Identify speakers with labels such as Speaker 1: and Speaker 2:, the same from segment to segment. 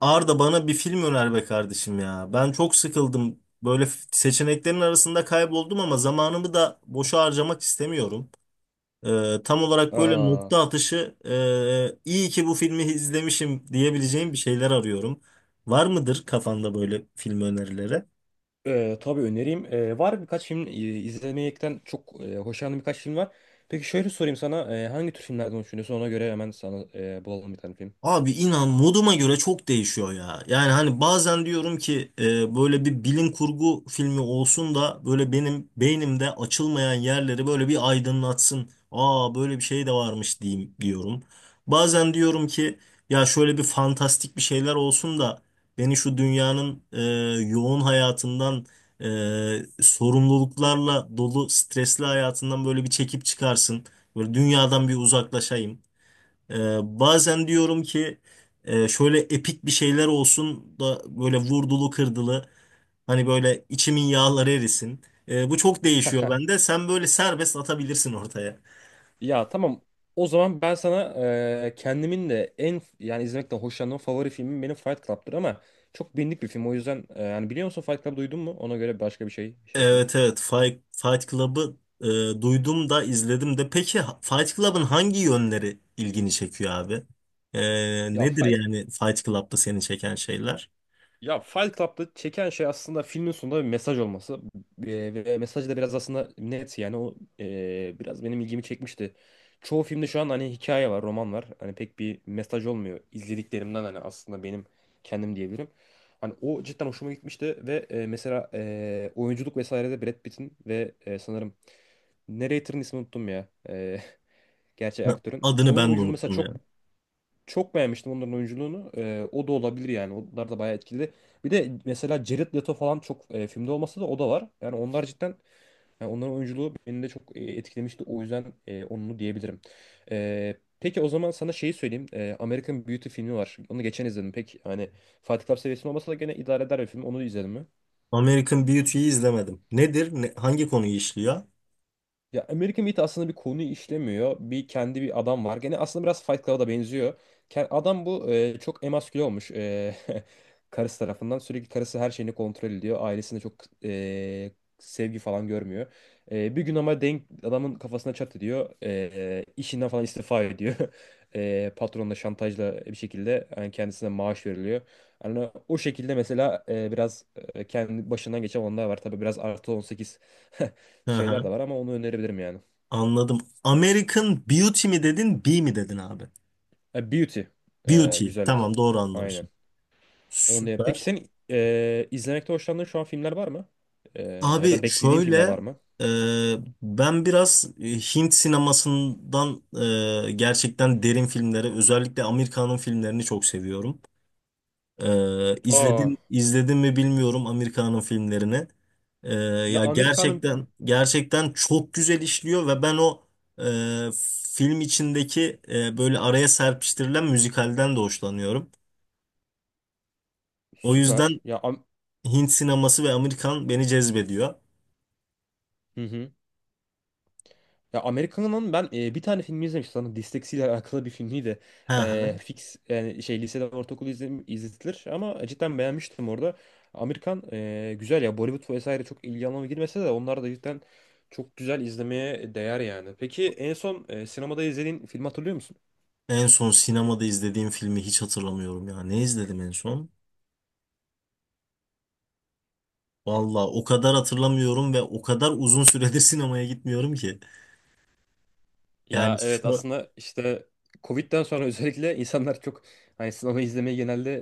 Speaker 1: Arda, bana bir film öner be kardeşim ya. Ben çok sıkıldım. Böyle seçeneklerin arasında kayboldum ama zamanımı da boşa harcamak istemiyorum. Tam olarak böyle
Speaker 2: Aa,
Speaker 1: nokta atışı iyi ki bu filmi izlemişim diyebileceğim bir şeyler arıyorum. Var mıdır kafanda böyle film önerileri?
Speaker 2: tabii önereyim. Var birkaç film izlemekten çok hoşlandığım birkaç film var. Peki şöyle sorayım sana, hangi tür filmlerden hoşlanıyorsun? Ona göre hemen sana bulalım bir tane film.
Speaker 1: Abi, inan, moduma göre çok değişiyor ya. Yani hani bazen diyorum ki böyle bir bilim kurgu filmi olsun da böyle benim beynimde açılmayan yerleri böyle bir aydınlatsın. Aa, böyle bir şey de varmış diyeyim diyorum. Bazen diyorum ki ya, şöyle bir fantastik bir şeyler olsun da beni şu dünyanın yoğun hayatından, sorumluluklarla dolu stresli hayatından böyle bir çekip çıkarsın. Böyle dünyadan bir uzaklaşayım. Ee, Bazen diyorum ki şöyle epik bir şeyler olsun da böyle vurdulu kırdılı, hani böyle içimin yağları erisin. Bu çok değişiyor bende. Sen böyle serbest atabilirsin ortaya.
Speaker 2: Ya tamam. O zaman ben sana kendimin de en, yani izlemekten hoşlandığım favori filmim benim Fight Club'tır ama çok bilindik bir film. O yüzden, yani biliyor musun, Fight Club duydun mu? Ona göre başka bir şey yapayım.
Speaker 1: Evet, evet, Fight Club'ı duydum da, izledim de. Peki Fight Club'ın hangi yönleri ilgini çekiyor abi? E,
Speaker 2: Ya
Speaker 1: Nedir
Speaker 2: Fight
Speaker 1: yani Fight Club'da seni çeken şeyler?
Speaker 2: Ya Fight Club'da çeken şey aslında filmin sonunda bir mesaj olması. Ve mesaj da biraz aslında net, yani o biraz benim ilgimi çekmişti. Çoğu filmde şu an hani hikaye var, roman var. Hani pek bir mesaj olmuyor. İzlediklerimden hani aslında benim kendim diyebilirim. Hani o cidden hoşuma gitmişti ve mesela oyunculuk vesairede Brad Pitt'in ve sanırım narrator'ın ismini unuttum ya. Gerçek aktörün.
Speaker 1: Adını
Speaker 2: Onun
Speaker 1: ben de
Speaker 2: oyunculuğu mesela
Speaker 1: unuttum ya.
Speaker 2: çok çok beğenmiştim, onların oyunculuğunu. O da olabilir yani. Onlar da bayağı etkili. Bir de mesela Jared Leto falan, çok filmde olmasa da o da var. Yani onlar cidden, yani onların oyunculuğu beni de çok etkilemişti. O yüzden onu diyebilirim. Peki o zaman sana şeyi söyleyeyim. American Beauty filmi var. Onu geçen izledim. Pek hani Fight Club seviyesinde olmasa da gene idare eder bir film. Onu izledim mi?
Speaker 1: American Beauty'yi izlemedim. Nedir? Hangi konuyu işliyor?
Speaker 2: Ya American Meat aslında bir konuyu işlemiyor. Bir kendi bir adam var. Gene aslında biraz Fight Club'a da benziyor. Adam bu çok emasküle olmuş, karısı tarafından. Sürekli karısı her şeyini kontrol ediyor. Ailesinde çok e, sevgi falan görmüyor. E, bir gün ama denk adamın kafasına çat ediyor. E, işinden falan istifa ediyor. E, patronla şantajla bir şekilde yani kendisine maaş veriliyor. Yani o şekilde mesela biraz kendi başından geçen olanlar var. Tabii biraz artı 18
Speaker 1: Hı
Speaker 2: şeyler
Speaker 1: hı.
Speaker 2: de var, ama onu önerebilirim yani.
Speaker 1: Anladım. American Beauty mi dedin, B mi dedin abi?
Speaker 2: E, Beauty. E,
Speaker 1: Beauty.
Speaker 2: güzellik.
Speaker 1: Tamam, doğru
Speaker 2: Aynen.
Speaker 1: anlamışım.
Speaker 2: Peki
Speaker 1: Süper.
Speaker 2: senin izlemekte hoşlandığın şu an filmler var mı? E, Ya
Speaker 1: Abi
Speaker 2: da beklediğin filmler
Speaker 1: şöyle,
Speaker 2: var mı?
Speaker 1: e, ben biraz Hint sinemasından, gerçekten derin filmleri, özellikle Amerikan'ın filmlerini çok seviyorum.
Speaker 2: Aa.
Speaker 1: İzledin izledin mi bilmiyorum Amerika'nın filmlerini.
Speaker 2: Ya
Speaker 1: Ya
Speaker 2: Amerika'nın
Speaker 1: gerçekten, gerçekten çok güzel işliyor ve ben o e, film içindeki böyle araya serpiştirilen müzikalden de hoşlanıyorum. O
Speaker 2: Süper.
Speaker 1: yüzden Hint sineması ve Amerikan beni cezbediyor.
Speaker 2: Hı hı. Ya Amerikan'ın ben bir tane filmi izlemiştim. Sanırım disleksiyle alakalı bir filmiydi.
Speaker 1: Hı
Speaker 2: E,
Speaker 1: hı.
Speaker 2: fix yani şey lisede ortaokul izletilir ama cidden beğenmiştim orada. Amerikan güzel ya, Bollywood vesaire çok ilgi alanıma girmese de onlar da cidden çok güzel, izlemeye değer yani. Peki en son sinemada izlediğin filmi hatırlıyor musun?
Speaker 1: En son sinemada izlediğim filmi hiç hatırlamıyorum ya. Ne izledim en son? Valla o kadar hatırlamıyorum ve o kadar uzun süredir sinemaya gitmiyorum ki. Yani
Speaker 2: Ya evet,
Speaker 1: şu,
Speaker 2: aslında işte Covid'den sonra özellikle insanlar çok hani sinema izlemeye genelde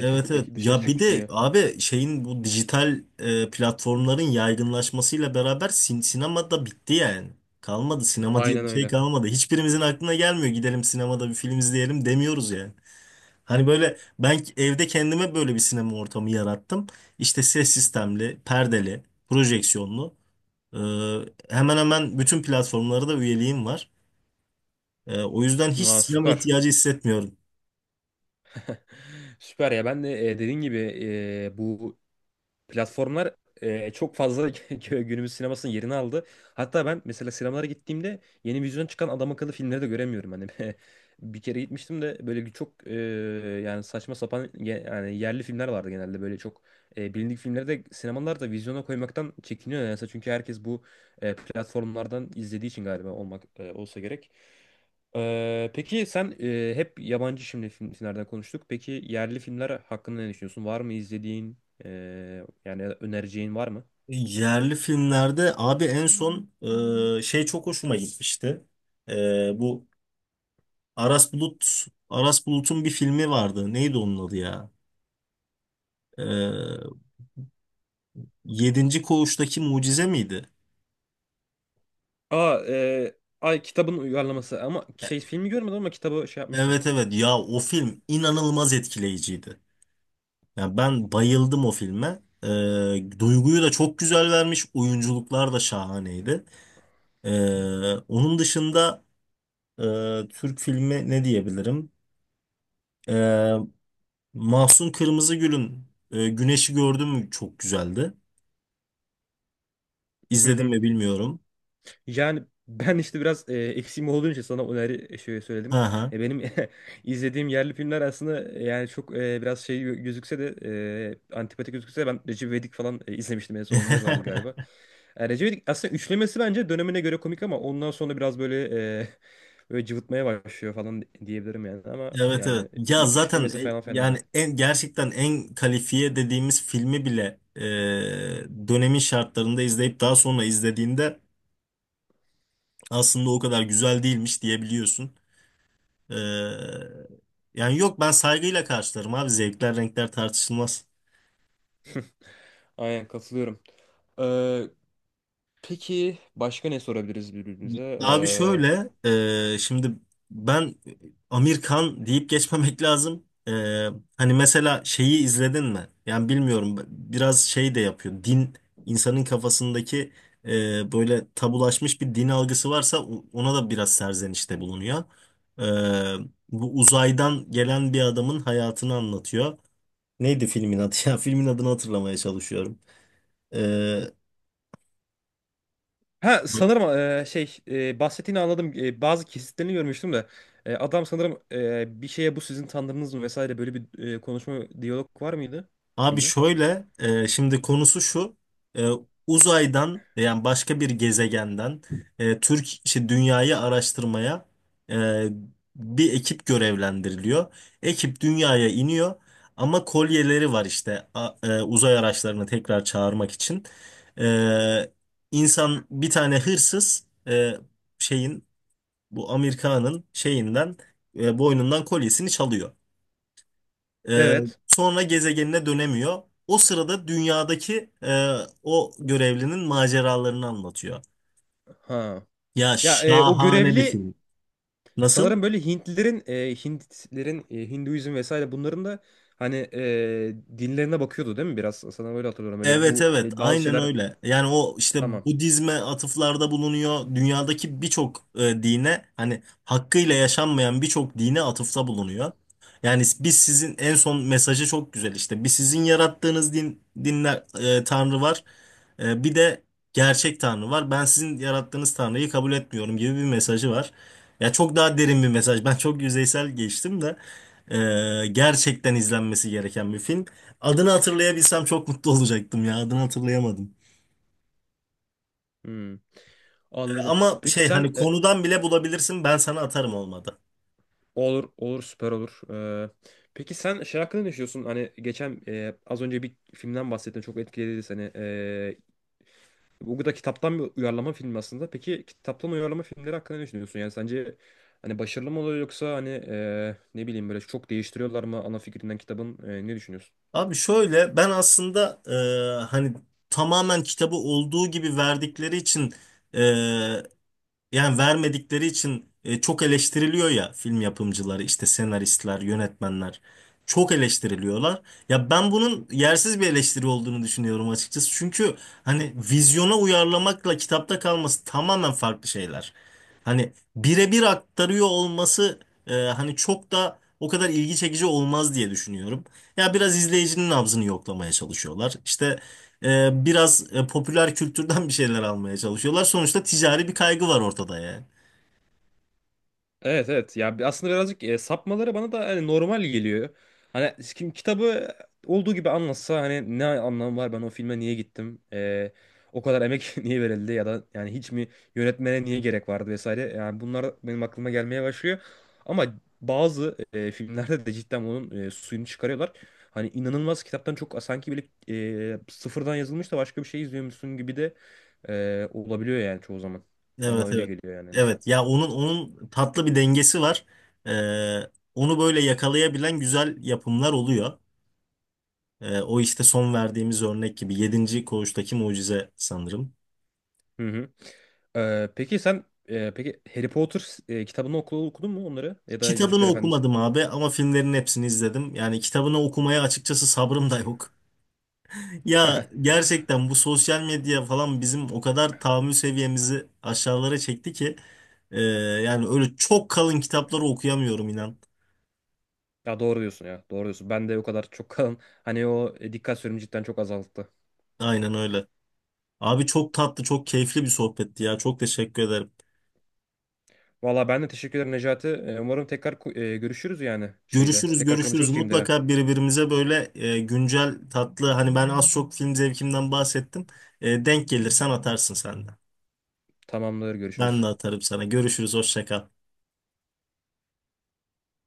Speaker 1: evet, evet. Ya,
Speaker 2: dışarı
Speaker 1: yani bir de
Speaker 2: çıkmıyor.
Speaker 1: abi şeyin, bu dijital platformların yaygınlaşmasıyla beraber sinema da bitti yani. Kalmadı sinema, evet, diye
Speaker 2: Aynen
Speaker 1: bir şey
Speaker 2: öyle.
Speaker 1: kalmadı. Hiçbirimizin aklına gelmiyor, gidelim sinemada bir film izleyelim demiyoruz yani. Hani böyle ben evde kendime böyle bir sinema ortamı yarattım. İşte ses sistemli, perdeli, projeksiyonlu. E, Hemen hemen bütün platformlara da üyeliğim var. O yüzden hiç
Speaker 2: Aa,
Speaker 1: sinema
Speaker 2: süper.
Speaker 1: ihtiyacı hissetmiyorum.
Speaker 2: Süper ya, ben de dediğin gibi bu platformlar çok fazla günümüz sinemasının yerini aldı. Hatta ben mesela sinemalara gittiğimde yeni vizyona çıkan adam akıllı filmleri de göremiyorum. Hani bir kere gitmiştim de böyle bir çok yani saçma sapan yani yerli filmler vardı genelde. Böyle çok bilindik filmleri de sinemalar da vizyona koymaktan çekiniyor. Yani çünkü herkes bu platformlardan izlediği için galiba olsa gerek. Peki sen, hep yabancı şimdi filmlerden konuştuk. Peki yerli filmler hakkında ne düşünüyorsun? Var mı izlediğin? Yani önereceğin var mı?
Speaker 1: Yerli filmlerde abi en son şey çok hoşuma gitmişti. Bu Aras Bulut'un bir filmi vardı. Neydi onun adı ya? E, Yedinci Koğuş'taki Mucize miydi?
Speaker 2: Aa, ay, kitabın uyarlaması ama şey filmi görmedim ama kitabı şey yapmıştım.
Speaker 1: Evet, evet ya, o film inanılmaz etkileyiciydi. Yani ben bayıldım o filme. Duyguyu da çok güzel vermiş. Oyunculuklar da şahaneydi. E, Onun dışında Türk filmi ne diyebilirim? E, Mahsun Kırmızıgül'ün Güneşi Gördün Mü, çok güzeldi.
Speaker 2: Hı
Speaker 1: İzledim
Speaker 2: hı.
Speaker 1: mi bilmiyorum.
Speaker 2: Yani ben işte biraz eksiğim olduğu için sana öneri şey söyledim.
Speaker 1: Hı hı.
Speaker 2: E, benim izlediğim yerli filmler aslında, yani çok biraz şey gözükse de, antipatik gözükse de, ben Recep İvedik falan izlemiştim, en son onlar vardı galiba. E, Recep İvedik aslında üçlemesi bence dönemine göre komik, ama ondan sonra biraz böyle e, böyle cıvıtmaya başlıyor falan diyebilirim yani, ama
Speaker 1: Evet, evet.
Speaker 2: yani
Speaker 1: Ya
Speaker 2: ilk
Speaker 1: zaten
Speaker 2: üçlemesi falan fena
Speaker 1: yani
Speaker 2: değil.
Speaker 1: en gerçekten en kalifiye dediğimiz filmi bile dönemin şartlarında izleyip daha sonra izlediğinde aslında o kadar güzel değilmiş diyebiliyorsun. E, Yani yok, ben saygıyla karşılarım abi. Zevkler renkler tartışılmaz.
Speaker 2: Aynen, katılıyorum. Ee, peki başka ne sorabiliriz birbirimize?
Speaker 1: Abi şöyle, şimdi ben Amerikan deyip geçmemek lazım. Hani mesela şeyi izledin mi? Yani bilmiyorum, biraz şey de yapıyor. Din, insanın kafasındaki böyle tabulaşmış bir din algısı varsa ona da biraz serzenişte bulunuyor. E, Bu uzaydan gelen bir adamın hayatını anlatıyor. Neydi filmin adı ya? Filmin adını hatırlamaya çalışıyorum. E,
Speaker 2: Ha sanırım bahsettiğini anladım. E, bazı kesitlerini görmüştüm de, e, adam sanırım, bir şeye, bu sizin tanrınız mı vesaire, böyle bir konuşma diyalog var mıydı
Speaker 1: Abi
Speaker 2: filmde?
Speaker 1: şöyle, şimdi konusu şu, e, uzaydan yani başka bir gezegenden Türk, işte dünyayı araştırmaya e, bir ekip görevlendiriliyor. Ekip dünyaya iniyor ama kolyeleri var işte uzay araçlarını tekrar çağırmak için. E, insan bir tane hırsız, şeyin, bu Amerika'nın şeyinden, boynundan kolyesini çalıyor. Ee,
Speaker 2: Evet.
Speaker 1: Sonra gezegenine dönemiyor. O sırada dünyadaki o görevlinin maceralarını anlatıyor.
Speaker 2: Ha.
Speaker 1: Ya
Speaker 2: Ya o
Speaker 1: şahane bir
Speaker 2: görevli
Speaker 1: film. Nasıl?
Speaker 2: sanırım böyle Hintlilerin, Hintlerin, Hinduizm vesaire bunların da hani dinlerine bakıyordu değil mi biraz? Sana böyle hatırlıyorum. Öyle
Speaker 1: Evet,
Speaker 2: bu,
Speaker 1: evet,
Speaker 2: böyle bazı
Speaker 1: aynen
Speaker 2: şeyler
Speaker 1: öyle. Yani o işte
Speaker 2: tamam.
Speaker 1: Budizme atıflarda bulunuyor. Dünyadaki birçok dine, hani hakkıyla yaşanmayan birçok dine atıfta bulunuyor. Yani biz sizin en son mesajı çok güzel işte. Bir, sizin yarattığınız din, dinler, tanrı var. Bir de gerçek tanrı var. Ben sizin yarattığınız tanrıyı kabul etmiyorum gibi bir mesajı var. Ya çok daha derin bir mesaj. Ben çok yüzeysel geçtim de gerçekten izlenmesi gereken bir film. Adını hatırlayabilsem çok mutlu olacaktım ya. Adını hatırlayamadım.
Speaker 2: Hmm, anladım.
Speaker 1: Ama
Speaker 2: Peki
Speaker 1: şey,
Speaker 2: sen,
Speaker 1: hani konudan bile bulabilirsin. Ben sana atarım olmadı.
Speaker 2: olur olur, süper olur. E, peki sen şey hakkında ne düşünüyorsun? Hani geçen az önce bir filmden bahsettin, çok etkiledi seni. E, bu da kitaptan bir uyarlama film aslında. Peki kitaptan uyarlama filmleri hakkında ne düşünüyorsun? Yani sence hani başarılı mı oluyor, yoksa hani, ne bileyim, böyle çok değiştiriyorlar mı ana fikrinden kitabın? E, ne düşünüyorsun?
Speaker 1: Abi şöyle, ben aslında hani tamamen kitabı olduğu gibi verdikleri için, e, yani vermedikleri için çok eleştiriliyor ya, film yapımcıları, işte senaristler, yönetmenler çok eleştiriliyorlar. Ya ben bunun yersiz bir eleştiri olduğunu düşünüyorum açıkçası. Çünkü hani vizyona uyarlamakla kitapta kalması tamamen farklı şeyler. Hani birebir aktarıyor olması hani çok da o kadar ilgi çekici olmaz diye düşünüyorum. Ya biraz izleyicinin nabzını yoklamaya çalışıyorlar. İşte biraz popüler kültürden bir şeyler almaya çalışıyorlar. Sonuçta ticari bir kaygı var ortada ya.
Speaker 2: Evet evet, ya aslında birazcık sapmaları bana da hani normal geliyor. Hani kim kitabı olduğu gibi anlatsa, hani ne anlamı var, ben o filme niye gittim? E, o kadar emek niye verildi, ya da yani hiç mi yönetmene niye gerek vardı vesaire. Yani bunlar benim aklıma gelmeye başlıyor. Ama bazı filmlerde de cidden onun suyunu çıkarıyorlar. Hani inanılmaz, kitaptan çok sanki bile sıfırdan yazılmış da başka bir şey izliyormuşsun gibi de olabiliyor yani çoğu zaman. Bana
Speaker 1: Evet,
Speaker 2: öyle
Speaker 1: evet.
Speaker 2: geliyor yani, en azından.
Speaker 1: Evet ya, onun tatlı bir dengesi var. E, Onu böyle yakalayabilen güzel yapımlar oluyor. O işte son verdiğimiz örnek gibi, Yedinci Koğuştaki Mucize sanırım.
Speaker 2: Hı hı. Peki sen, peki Harry Potter, kitabını okudun mu onları? Ya da
Speaker 1: Kitabını
Speaker 2: Yüzükler Efendisi mi?
Speaker 1: okumadım abi ama filmlerin hepsini izledim. Yani kitabını okumaya açıkçası sabrım da yok. Ya gerçekten bu sosyal medya falan bizim o kadar tahammül seviyemizi aşağılara çekti ki e, yani öyle çok kalın kitapları okuyamıyorum inan.
Speaker 2: Ya doğru diyorsun ya. Doğru diyorsun. Ben de o kadar çok kalan hani o dikkat süremi cidden çok azalttı.
Speaker 1: Aynen öyle. Abi, çok tatlı, çok keyifli bir sohbetti ya. Çok teşekkür ederim.
Speaker 2: Valla ben de teşekkür ederim Necati. E, umarım tekrar görüşürüz yani şeyde.
Speaker 1: Görüşürüz,
Speaker 2: Tekrar
Speaker 1: görüşürüz.
Speaker 2: konuşuruz filmlere.
Speaker 1: Mutlaka birbirimize böyle güncel, tatlı, hani ben az çok film zevkimden bahsettim. Denk gelirsen atarsın sen de.
Speaker 2: Tamamdır,
Speaker 1: Ben
Speaker 2: görüşürüz.
Speaker 1: de atarım sana. Görüşürüz, hoşça kal.